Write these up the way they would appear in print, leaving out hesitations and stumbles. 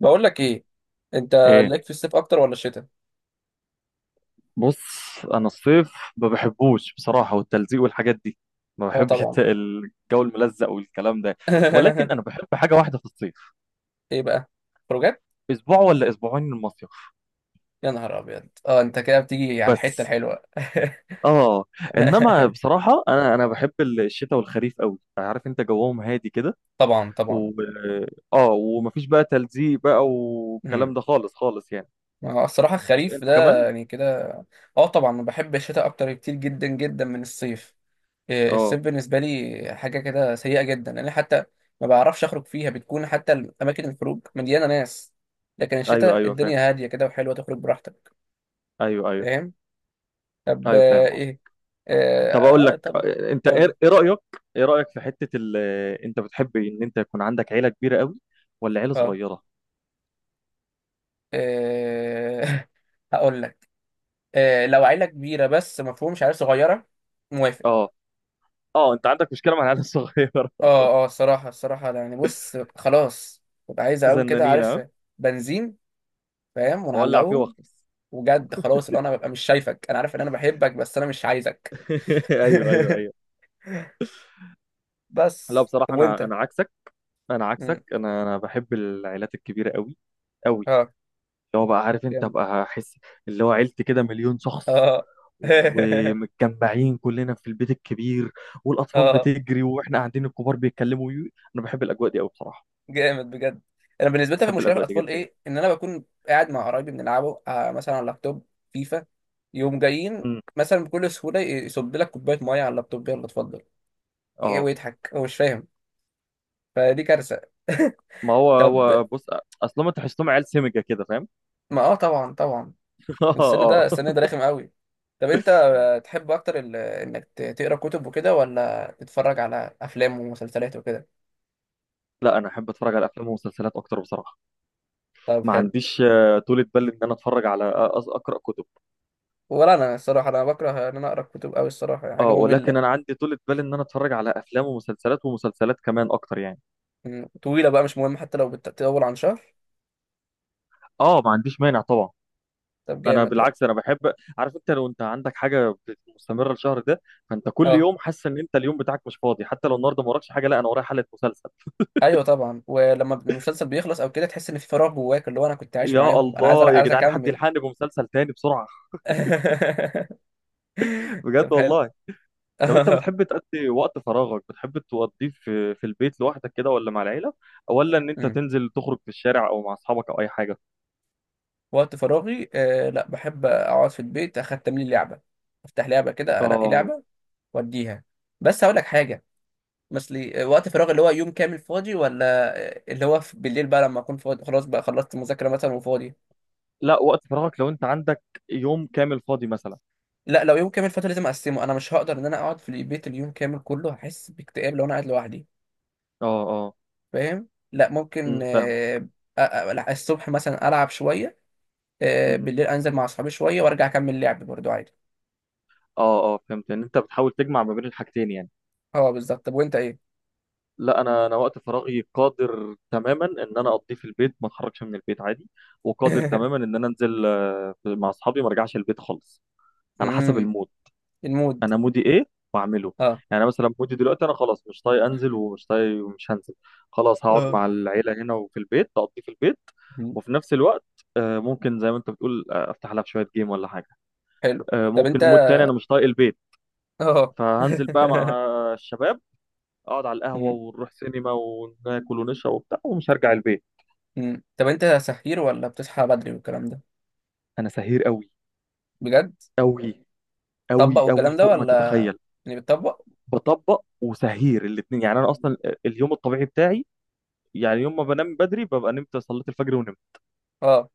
بقول لك ايه؟ انت ايه، ليك في الصيف اكتر ولا الشتاء؟ بص. انا الصيف ما بحبوش بصراحه، والتلزيق والحاجات دي. ما اه بحبش طبعا. الجو الملزق والكلام ده. ولكن انا بحب حاجه واحده في الصيف، ايه بقى؟ خروجات. اسبوع ولا اسبوعين المصيف. يا نهار ابيض، اه انت كده بتيجي على الحته بس. الحلوه. اه انما بصراحه انا بحب الشتاء والخريف قوي، عارف انت جوهم هادي كده. طبعا طبعا. و اه ومفيش بقى تلزيق بقى والكلام امم ده خالص خالص يعني. ما هو الصراحه بس الخريف انت ده كمان. يعني كده. اه طبعا بحب الشتاء اكتر كتير جدا جدا من الصيف. الصيف اه. بالنسبه لي حاجه كده سيئه جدا. انا حتى ما بعرفش اخرج فيها، بتكون حتى اماكن الخروج مليانه ناس. لكن ايوه الشتاء ايوه فاهم. الدنيا هاديه كده وحلوه، تخرج براحتك. ايوه ايوه فاهم. طب ايوه فاهم. ايه؟ طب اقول اه لك، طبعا. انت قول لي. إيه رايك؟ ايه رايك في حته ال... آه، انت بتحب ان انت يكون عندك عيله كبيره قوي ولا عيله اه صغيره؟ آه، هقول لك. آه، لو عيلة كبيرة، بس مفهومش عيلة صغيرة. موافق. اه. اه، انت عندك مشكله مع العيله الصغيره؟ اه اه الصراحة أنا يعني بص، خلاص ببقى عايز اقوم كده، زنانين عارف. ها. بنزين، فاهم، وولع فيه ونعلقهم. واخلص. وجد خلاص، اللي انا ببقى مش شايفك، انا عارف ان انا بحبك بس انا مش عايزك. ايوه ايوه ايوه. لا بس طب بصراحه انا وانت؟ انا عكسك. انا مم. عكسك، انا بحب العائلات الكبيره قوي. قوي. اه اللي هو بقى عارف انت جامد. بقى احس. اللي هو عيلتي كده مليون شخص، اه ومتجمعين كلنا في البيت الكبير، والاطفال اه بتجري واحنا قاعدين الكبار بيتكلموا. انا بحب الاجواء دي قوي بصراحه. جامد بجد. انا بالنسبه لي بحب المشكله في الاجواء دي الاطفال جدا. ايه؟ ان انا بكون قاعد مع قرايبي بنلعبه مثلا على اللابتوب، فيفا، يوم جايين مم. مثلا بكل سهوله يصب لك كوبايه ميه على اللابتوب، يلا اتفضل. ايه اه. ويضحك هو مش فاهم، فدي كارثه. ما هو طب. هو بص، اصلا انت تحسهم عيال سمجه كده فاهم. ما اه طبعا طبعا. اه السن اه. ده السن ده رخم قوي. طب انت تحب اكتر انك تقرا كتب وكده ولا تتفرج على افلام ومسلسلات وكده؟ لا انا احب اتفرج على افلام ومسلسلات اكتر بصراحه. طب ما حلو. عنديش طولة بال ان انا اتفرج على اقرا كتب. ولا انا الصراحه انا بكره ان انا اقرا كتب قوي الصراحه، يعني حاجه اه، ولكن انا ممله. عندي طولة بال ان انا اتفرج على افلام ومسلسلات ومسلسلات كمان اكتر يعني. مم. طويلة بقى مش مهم، حتى لو بتطول عن شهر. اه، ما عنديش مانع طبعا. طب انا جامد ده. بالعكس انا بحب. عارف انت لو انت عندك حاجه مستمره الشهر ده، فانت كل اه يوم حاسس ان انت اليوم بتاعك مش فاضي، حتى لو النهارده ما وراكش حاجه، لا انا ورايا حلقه مسلسل. ايوه طبعا. ولما المسلسل بيخلص او كده تحس ان في فراغ جواك، اللي هو انا كنت عايش يا معاهم، انا عايز الله يا عايز جدعان، حد اكمل. يلحقني بمسلسل تاني بسرعة. بجد طب حلو. والله. طب انت بتحب تقضي وقت فراغك، بتحب تقضيه في البيت لوحدك كده ولا مع العيلة، ولا ان انت مم. تنزل تخرج في الشارع او مع اصحابك او اي حاجة؟ وقت فراغي لا، بحب اقعد في البيت، اختم لي لعبة، افتح لعبة كده، انقي اه. لعبة، واديها. بس هقول لك حاجة. مثلي وقت فراغ اللي هو يوم كامل فاضي ولا اللي هو بالليل بقى، لما اكون فاضي خلاص بقى، خلصت مذاكرة مثلا وفاضي. لا، وقت فراغك لو انت عندك يوم كامل فاضي مثلا. لا لو يوم كامل فاتو لازم اقسمه، انا مش هقدر ان انا اقعد في البيت اليوم كامل كله، هحس باكتئاب لو انا قاعد لوحدي. اه اه. فاهم. لا ممكن فاهمك. أ- الصبح مثلا العب شويه، امم بالليل انزل مع اصحابي شويه وارجع اكمل لعب برضو عادي. اه اه فهمت ان انت بتحاول تجمع ما بين الحاجتين يعني. اه بالظبط. طب وانت ايه؟ لا انا وقت فراغي قادر تماما ان انا اقضيه في البيت، ما اتحركش من البيت عادي. وقادر تماما ان انا انزل مع اصحابي، ما ارجعش البيت خالص. على حسب امم المود. المود. انا مودي ايه واعمله. اه يعني أنا مثلا مودي دلوقتي انا خلاص مش طايق انزل، ومش طايق ومش هنزل. خلاص هقعد اه. مع العيله هنا، وفي البيت اقضيه في البيت. مم. وفي نفس الوقت ممكن زي ما انت بتقول افتح لها في شويه جيم ولا حاجه. حلو. طب ممكن انت. مود تاني انا مش طايق البيت، اه فهنزل بقى مع الشباب، اقعد على القهوه مم. ونروح سينما وناكل ونشرب وبتاع ومش هرجع البيت. مم. طب انت سحير ولا بتصحى بدري والكلام ده؟ انا سهير قوي. بجد. قوي. طبق قوي قوي والكلام ده فوق ما ولا؟ تتخيل. يعني بتطبق؟ بطبق وسهير الاثنين، يعني انا مم. اصلا اليوم الطبيعي بتاعي يعني يوم ما بنام بدري ببقى نمت صليت الفجر ونمت. اه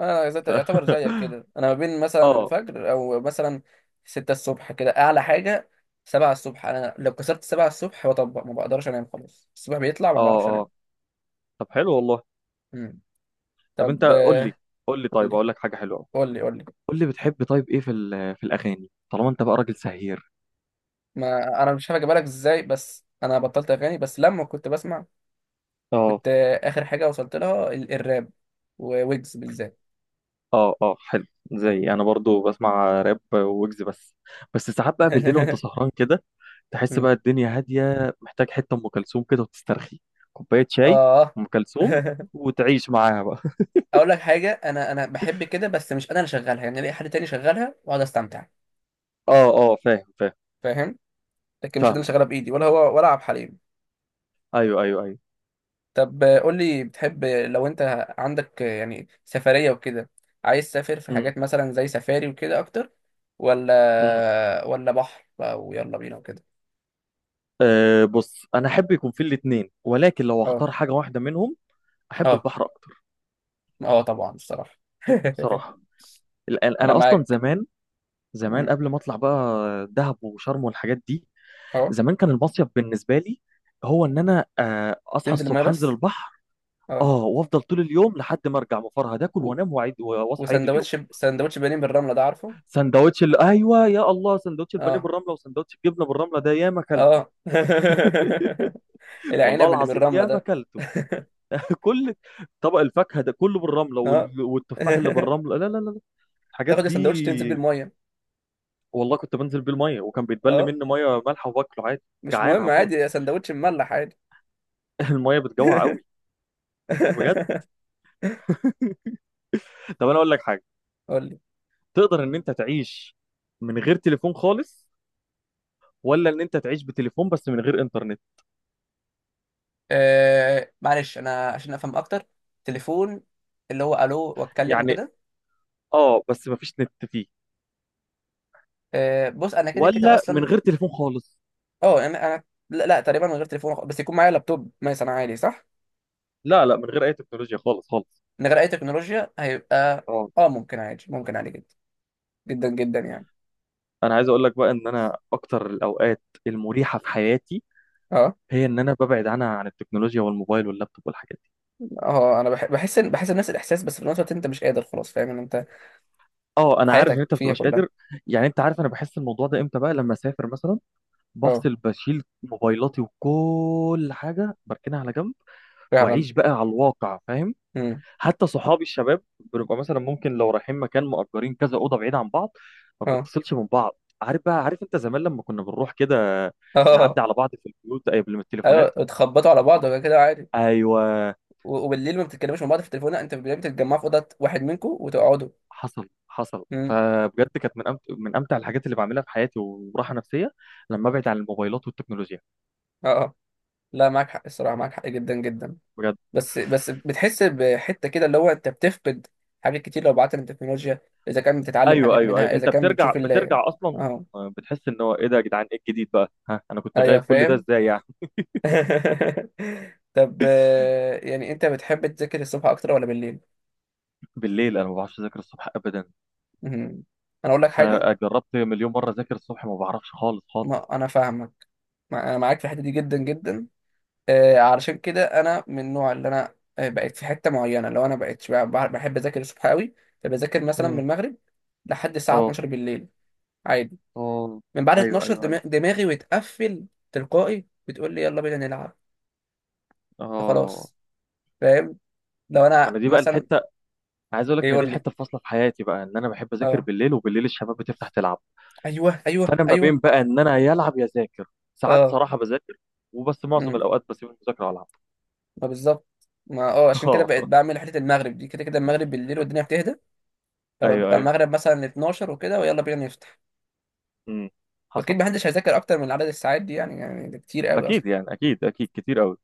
انا ف... يعتبر زيك كده، انا ما بين مثلا اه الفجر او مثلا ستة الصبح كده اعلى حاجه. سبعة الصبح، انا لو كسرت سبعة الصبح بطبق، ما بقدرش انام خلاص، الصبح بيطلع ما اه. بعرفش اه، انام. طب حلو والله. مم. طب انت طب قول لي. قول لي، قول طيب لي. اقول لك حاجه حلوه أوي. قول لي قول لي. قول لي بتحب، طيب ايه في في الاغاني، طالما انت بقى راجل سهير؟ ما انا مش عارف اجيبها لك ازاي، بس انا بطلت اغاني. بس لما كنت بسمع، اه كنت اخر حاجه وصلت لها الراب، وويجز بالذات. اه اه حلو. زي انا برضو بسمع راب ويجز بس. بس ساعات بقى بالليل وانت سهران كده، تحس مم. بقى الدنيا هاديه، محتاج حته ام كلثوم كده وتسترخي. كوبايه شاي. اه ام كلثوم. وتعيش معاها بقى. اقول لك حاجه، انا بحب كده، بس مش انا اللي شغالها، يعني الاقي حد تاني شغالها واقعد استمتع. اه اه فاهم فاهم. فاهم. لكن مش انا فاهم. اللي شغاله بايدي، ولا هو ولا عبد الحليم. ايوه ايوه ايوه. طب قول لي، بتحب لو انت عندك يعني سفريه وكده، عايز تسافر في حاجات مثلا زي سفاري وكده اكتر، ولا امم ولا بحر بقى ويلا بينا وكده؟ أه بص، انا احب يكون في الاثنين، ولكن لو اه اختار حاجه واحده منهم، احب اه. البحر اكتر. اه طبعا الصراحه. بصراحه. انا انا اصلا معاك. زمان، زمان مم. قبل ما اطلع بقى دهب وشرم والحاجات دي، اه زمان كان المصيف بالنسبه لي هو ان انا اصحى تنزل الميه الصبح انزل بس. البحر. اه اه. وافضل طول اليوم لحد ما ارجع مفرهد، اكل و... وانام واعيد واصحى عيد اليوم. وسندوتش سندوتش بانيه بالرمله ده، عارفه؟ ايوه يا الله، سندوتش البانيه اه بالرمله وسندوتش الجبنه بالرمله ده ياما اكلته. اه. والله العنب اللي العظيم بالرمله ياما ده. اكلته. كل طبق الفاكهه ده كله بالرمله، اه والتفاح اللي بالرمله، لا لا لا لا. الحاجات تاخد السندوتش تنزل دي. بالميه. والله كنت بنزل بيه الميه وكان بيتبل اه مني ميه مالحه وباكله عادي. مش جعان مهم، هموت. عادي، سندوتش مملح عادي. الميه بتجوع قوي. بجد. طب انا اقول لك حاجه، قول لي. تقدر ان انت تعيش من غير تليفون خالص، ولا ان انت تعيش بتليفون بس من غير انترنت؟ معلش انا عشان افهم اكتر، تليفون اللي هو الو واتكلم يعني وكده؟ اه بس ما فيش نت فيه، آه بص، انا كده كده ولا من اصلا. غير تليفون خالص. اه انا لا، لا، تقريبا من غير تليفون بس يكون معايا لابتوب مثلا عادي، صح؟ لا لا، من غير اي تكنولوجيا خالص خالص. من غير اي تكنولوجيا هيبقى. اه. اه ممكن عادي، ممكن عادي جدا، جدا جدا يعني. انا عايز اقول لك بقى، ان انا اكتر الاوقات المريحه في حياتي، اه هي ان انا ببعد عنها، عن التكنولوجيا والموبايل واللابتوب والحاجات دي. اه انا بحس بحس نفس الاحساس، بس في نفس الوقت انت مش قادر خلاص، فاهم، ان انت اه، انا عارف ان حياتك انت ما فيها بتبقاش كلها. قادر. يعني انت عارف انا بحس الموضوع ده امتى بقى؟ لما اسافر مثلا، اه بفصل، بشيل موبايلاتي وكل حاجه بركنها على جنب، فعلا. واعيش بقى على الواقع فاهم. امم. حتى صحابي الشباب، بنبقى مثلا ممكن لو رايحين مكان مأجرين كذا اوضه بعيد عن بعض، ما اه بنتصلش من بعض، عارف بقى، عارف انت زمان لما كنا بنروح كده اه. نعدي على بعض في البيوت قبل من التليفونات. ايوه اتخبطوا على بعض وكده كده عادي. ايوه. و- وبالليل ما بتتكلموش مع بعض في التليفون، لا، انت بالليل بتتجمعوا في اوضه واحد منكم وتقعدوا. حصل حصل، امم. فبجد كانت من من امتع الحاجات اللي بعملها في حياتي وراحه نفسيه، لما ابعد عن الموبايلات والتكنولوجيا. اه اه. لا معاك حق الصراحه، معاك حق جدا جدا. بجد. بس بتحس بحته كده، اللي هو انت بتفقد حاجات كتير لو بعدت عن التكنولوجيا، اذا كان بتتعلم ايوه حاجات ايوه ايوه منها، اذا انت كان بترجع بتشوف ال... بترجع اصلا، اه بتحس ان هو ايه ده يا جدعان، ايه الجديد بقى ها، انا كنت ايوه غايب كل ده فاهم. ازاي يعني. طب يعني انت بتحب تذاكر الصبح اكتر ولا بالليل؟ بالليل، انا ما بعرفش اذاكر الصبح ابدا. مم. انا اقول لك حاجه. انا جربت مليون مره اذاكر الصبح، ما بعرفش خالص خالص. ما انا فاهمك. انا معاك في الحته دي جدا جدا. علشان كده انا من النوع اللي انا بقيت في حته معينه، لو انا بقيت بحب اذاكر الصبح قوي. فبذاكر مثلا من مم. المغرب لحد الساعه اه 12 بالليل، عادي. اه. من بعد ايوه 12 ايوه ايوه. دماغي بتقفل تلقائي، بتقول لي يلا بينا نلعب. اه، فخلاص. فاهم. لو ما انا انا دي بقى مثلا الحته، عايز اقول لك ان دي يقول لي. الحته الفاصله في حياتي بقى، ان انا بحب اذاكر اه بالليل، وبالليل الشباب بتفتح تلعب، ايوه ايوه فانا ما ايوه. بين بقى ان انا يا العب يا اذاكر. ساعات اه. صراحه بذاكر، وبس معظم امم. الاوقات بسيب المذاكره والعب. ما بالظبط. ما اه، عشان كده اه. بقيت بعمل حته المغرب دي، كده كده المغرب بالليل والدنيا بتهدى، ايوه فببقى ايوه. المغرب مثلا 12 وكده، ويلا بينا نفتح. امم حصل. واكيد محدش هيذاكر اكتر من عدد الساعات دي، يعني يعني ده كتير قوي اصلا. اكيد يعني، اكيد اكيد كتير قوي.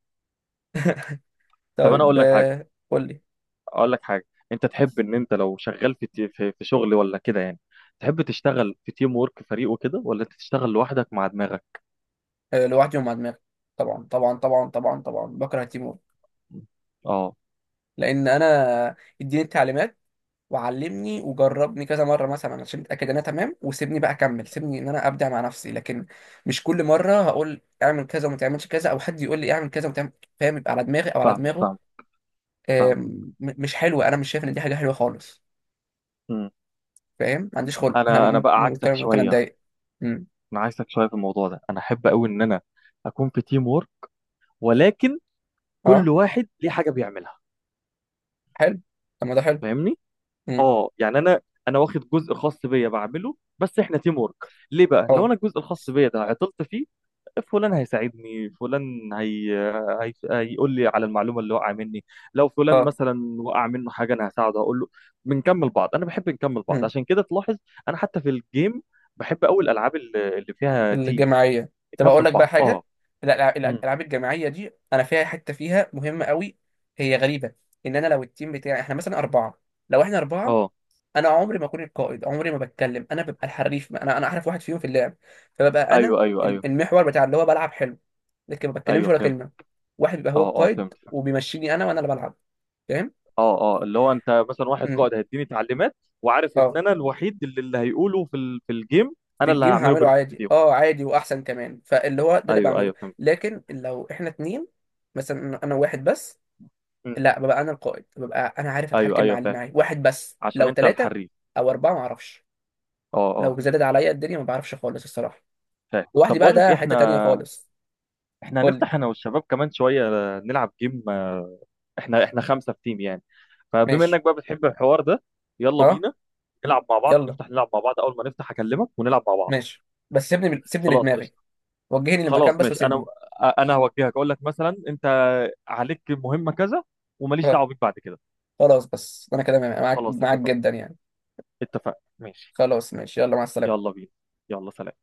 طب انا طيب اقول لك حاجه، قول لي. اقول لك حاجه، انت تحب ان انت لو شغال في في شغل ولا كده يعني، تحب تشتغل في تيم وورك فريق وكده ولا انت تشتغل لوحدك مع دماغك؟ لوحدي ومع دماغي. طبعا طبعا طبعا طبعا طبعا، بكره تيمور. اه. لان انا اديني التعليمات، وعلمني وجربني كذا مره مثلا عشان اتاكد ان انا تمام، وسيبني بقى اكمل، سيبني ان انا ابدع مع نفسي. لكن مش كل مره هقول اعمل كذا وما تعملش كذا، او حد يقول لي اعمل كذا وما تعمل، فاهم. يبقى على دماغي او على فاهمك دماغه. فاهمك فاهمك. مش حلوه، انا مش شايف ان دي حاجه حلوه خالص. امم فاهم. ما عنديش خلق، انا انا ممكن بقى عكسك ممكن ممكن شويه. اتضايق. مم. انا عكسك شويه في الموضوع ده، انا احب قوي ان انا اكون في تيم وورك، ولكن كل اه واحد ليه حاجه بيعملها. حلو. طب ما ده حلو. فاهمني. امم. اه يعني انا، انا واخد جزء خاص بيا بعمله بس احنا تيم ورك. ليه بقى؟ لو اه انا الجزء الخاص بيا ده عطلت فيه، فلان هيساعدني، فلان هيقول لي على المعلومه اللي وقع مني. لو فلان اه. مثلا وقع منه حاجه، انا هساعده، هقول له. بنكمل بعض، انا بحب نكمل بعض، امم. عشان كده تلاحظ انا حتى في الجيم بحب قوي الالعاب اللي فيها تيم، الجماعيه. طب اقول نكمل لك بقى بعض. اه. حاجه. لا مم. الالعاب الجماعيه دي انا فيها حته فيها مهمه قوي، هي غريبه. ان انا لو التيم بتاعي احنا مثلا اربعه، لو احنا اربعه، اه انا عمري ما اكون القائد، عمري ما بتكلم، انا ببقى الحريف، انا احرف واحد فيهم في اللعب، فببقى انا ايوه ايوه ايوه. المحور بتاع اللي هو بلعب حلو، لكن ما بتكلمش ايوه ولا فهمت. كلمه. واحد بيبقى هو اه اه فهمت. القائد وبيمشيني انا وانا اللي بلعب. فاهم. اه اه، اللي هو انت مثلا واحد امم. قائد هيديني تعليمات، وعارف ان اه. انا الوحيد اللي هيقوله في في الجيم، في انا اللي الجيم هعمله هعمله بيرفكت عادي، فيهم. اه عادي واحسن كمان، فاللي هو ده اللي ايوه بعمله. ايوه فهمت. لكن لو احنا اتنين، مثلا انا واحد بس، مم. لا ببقى انا القائد، ببقى انا عارف ايوه اتحكم ايوه مع اللي فاهم، معايا واحد بس، عشان لو انت ثلاثة الحريف. او اربعة ما اعرفش، اه اه. لو زادت عليا الدنيا ما بعرفش خالص الصراحة. فاهم. طب لوحدي بقى بقول لك إيه، ده حتة احنا تانية خالص. احنا قول لي. هنفتح انا والشباب كمان شويه نلعب جيم، احنا خمسه في تيم يعني، فبما ماشي. انك بقى بتحب الحوار ده، يلا اه بينا نلعب مع بعض، يلا. نفتح نلعب مع بعض، اول ما نفتح اكلمك ونلعب مع بعض. ماشي، بس سيبني سيبني خلاص لدماغي، قشطه. وجهني للمكان خلاص بس ماشي. انا وسيبني. انا هوجهك، اقول لك مثلا انت عليك مهمة كذا، وماليش اه دعوة بيك بعد كده. خلاص. بس انا كده معاك خلاص معاك اتفقنا. جدا يعني. اتفقنا ماشي. خلاص ماشي، يلا مع السلامة. يلا بينا. يلا سلام.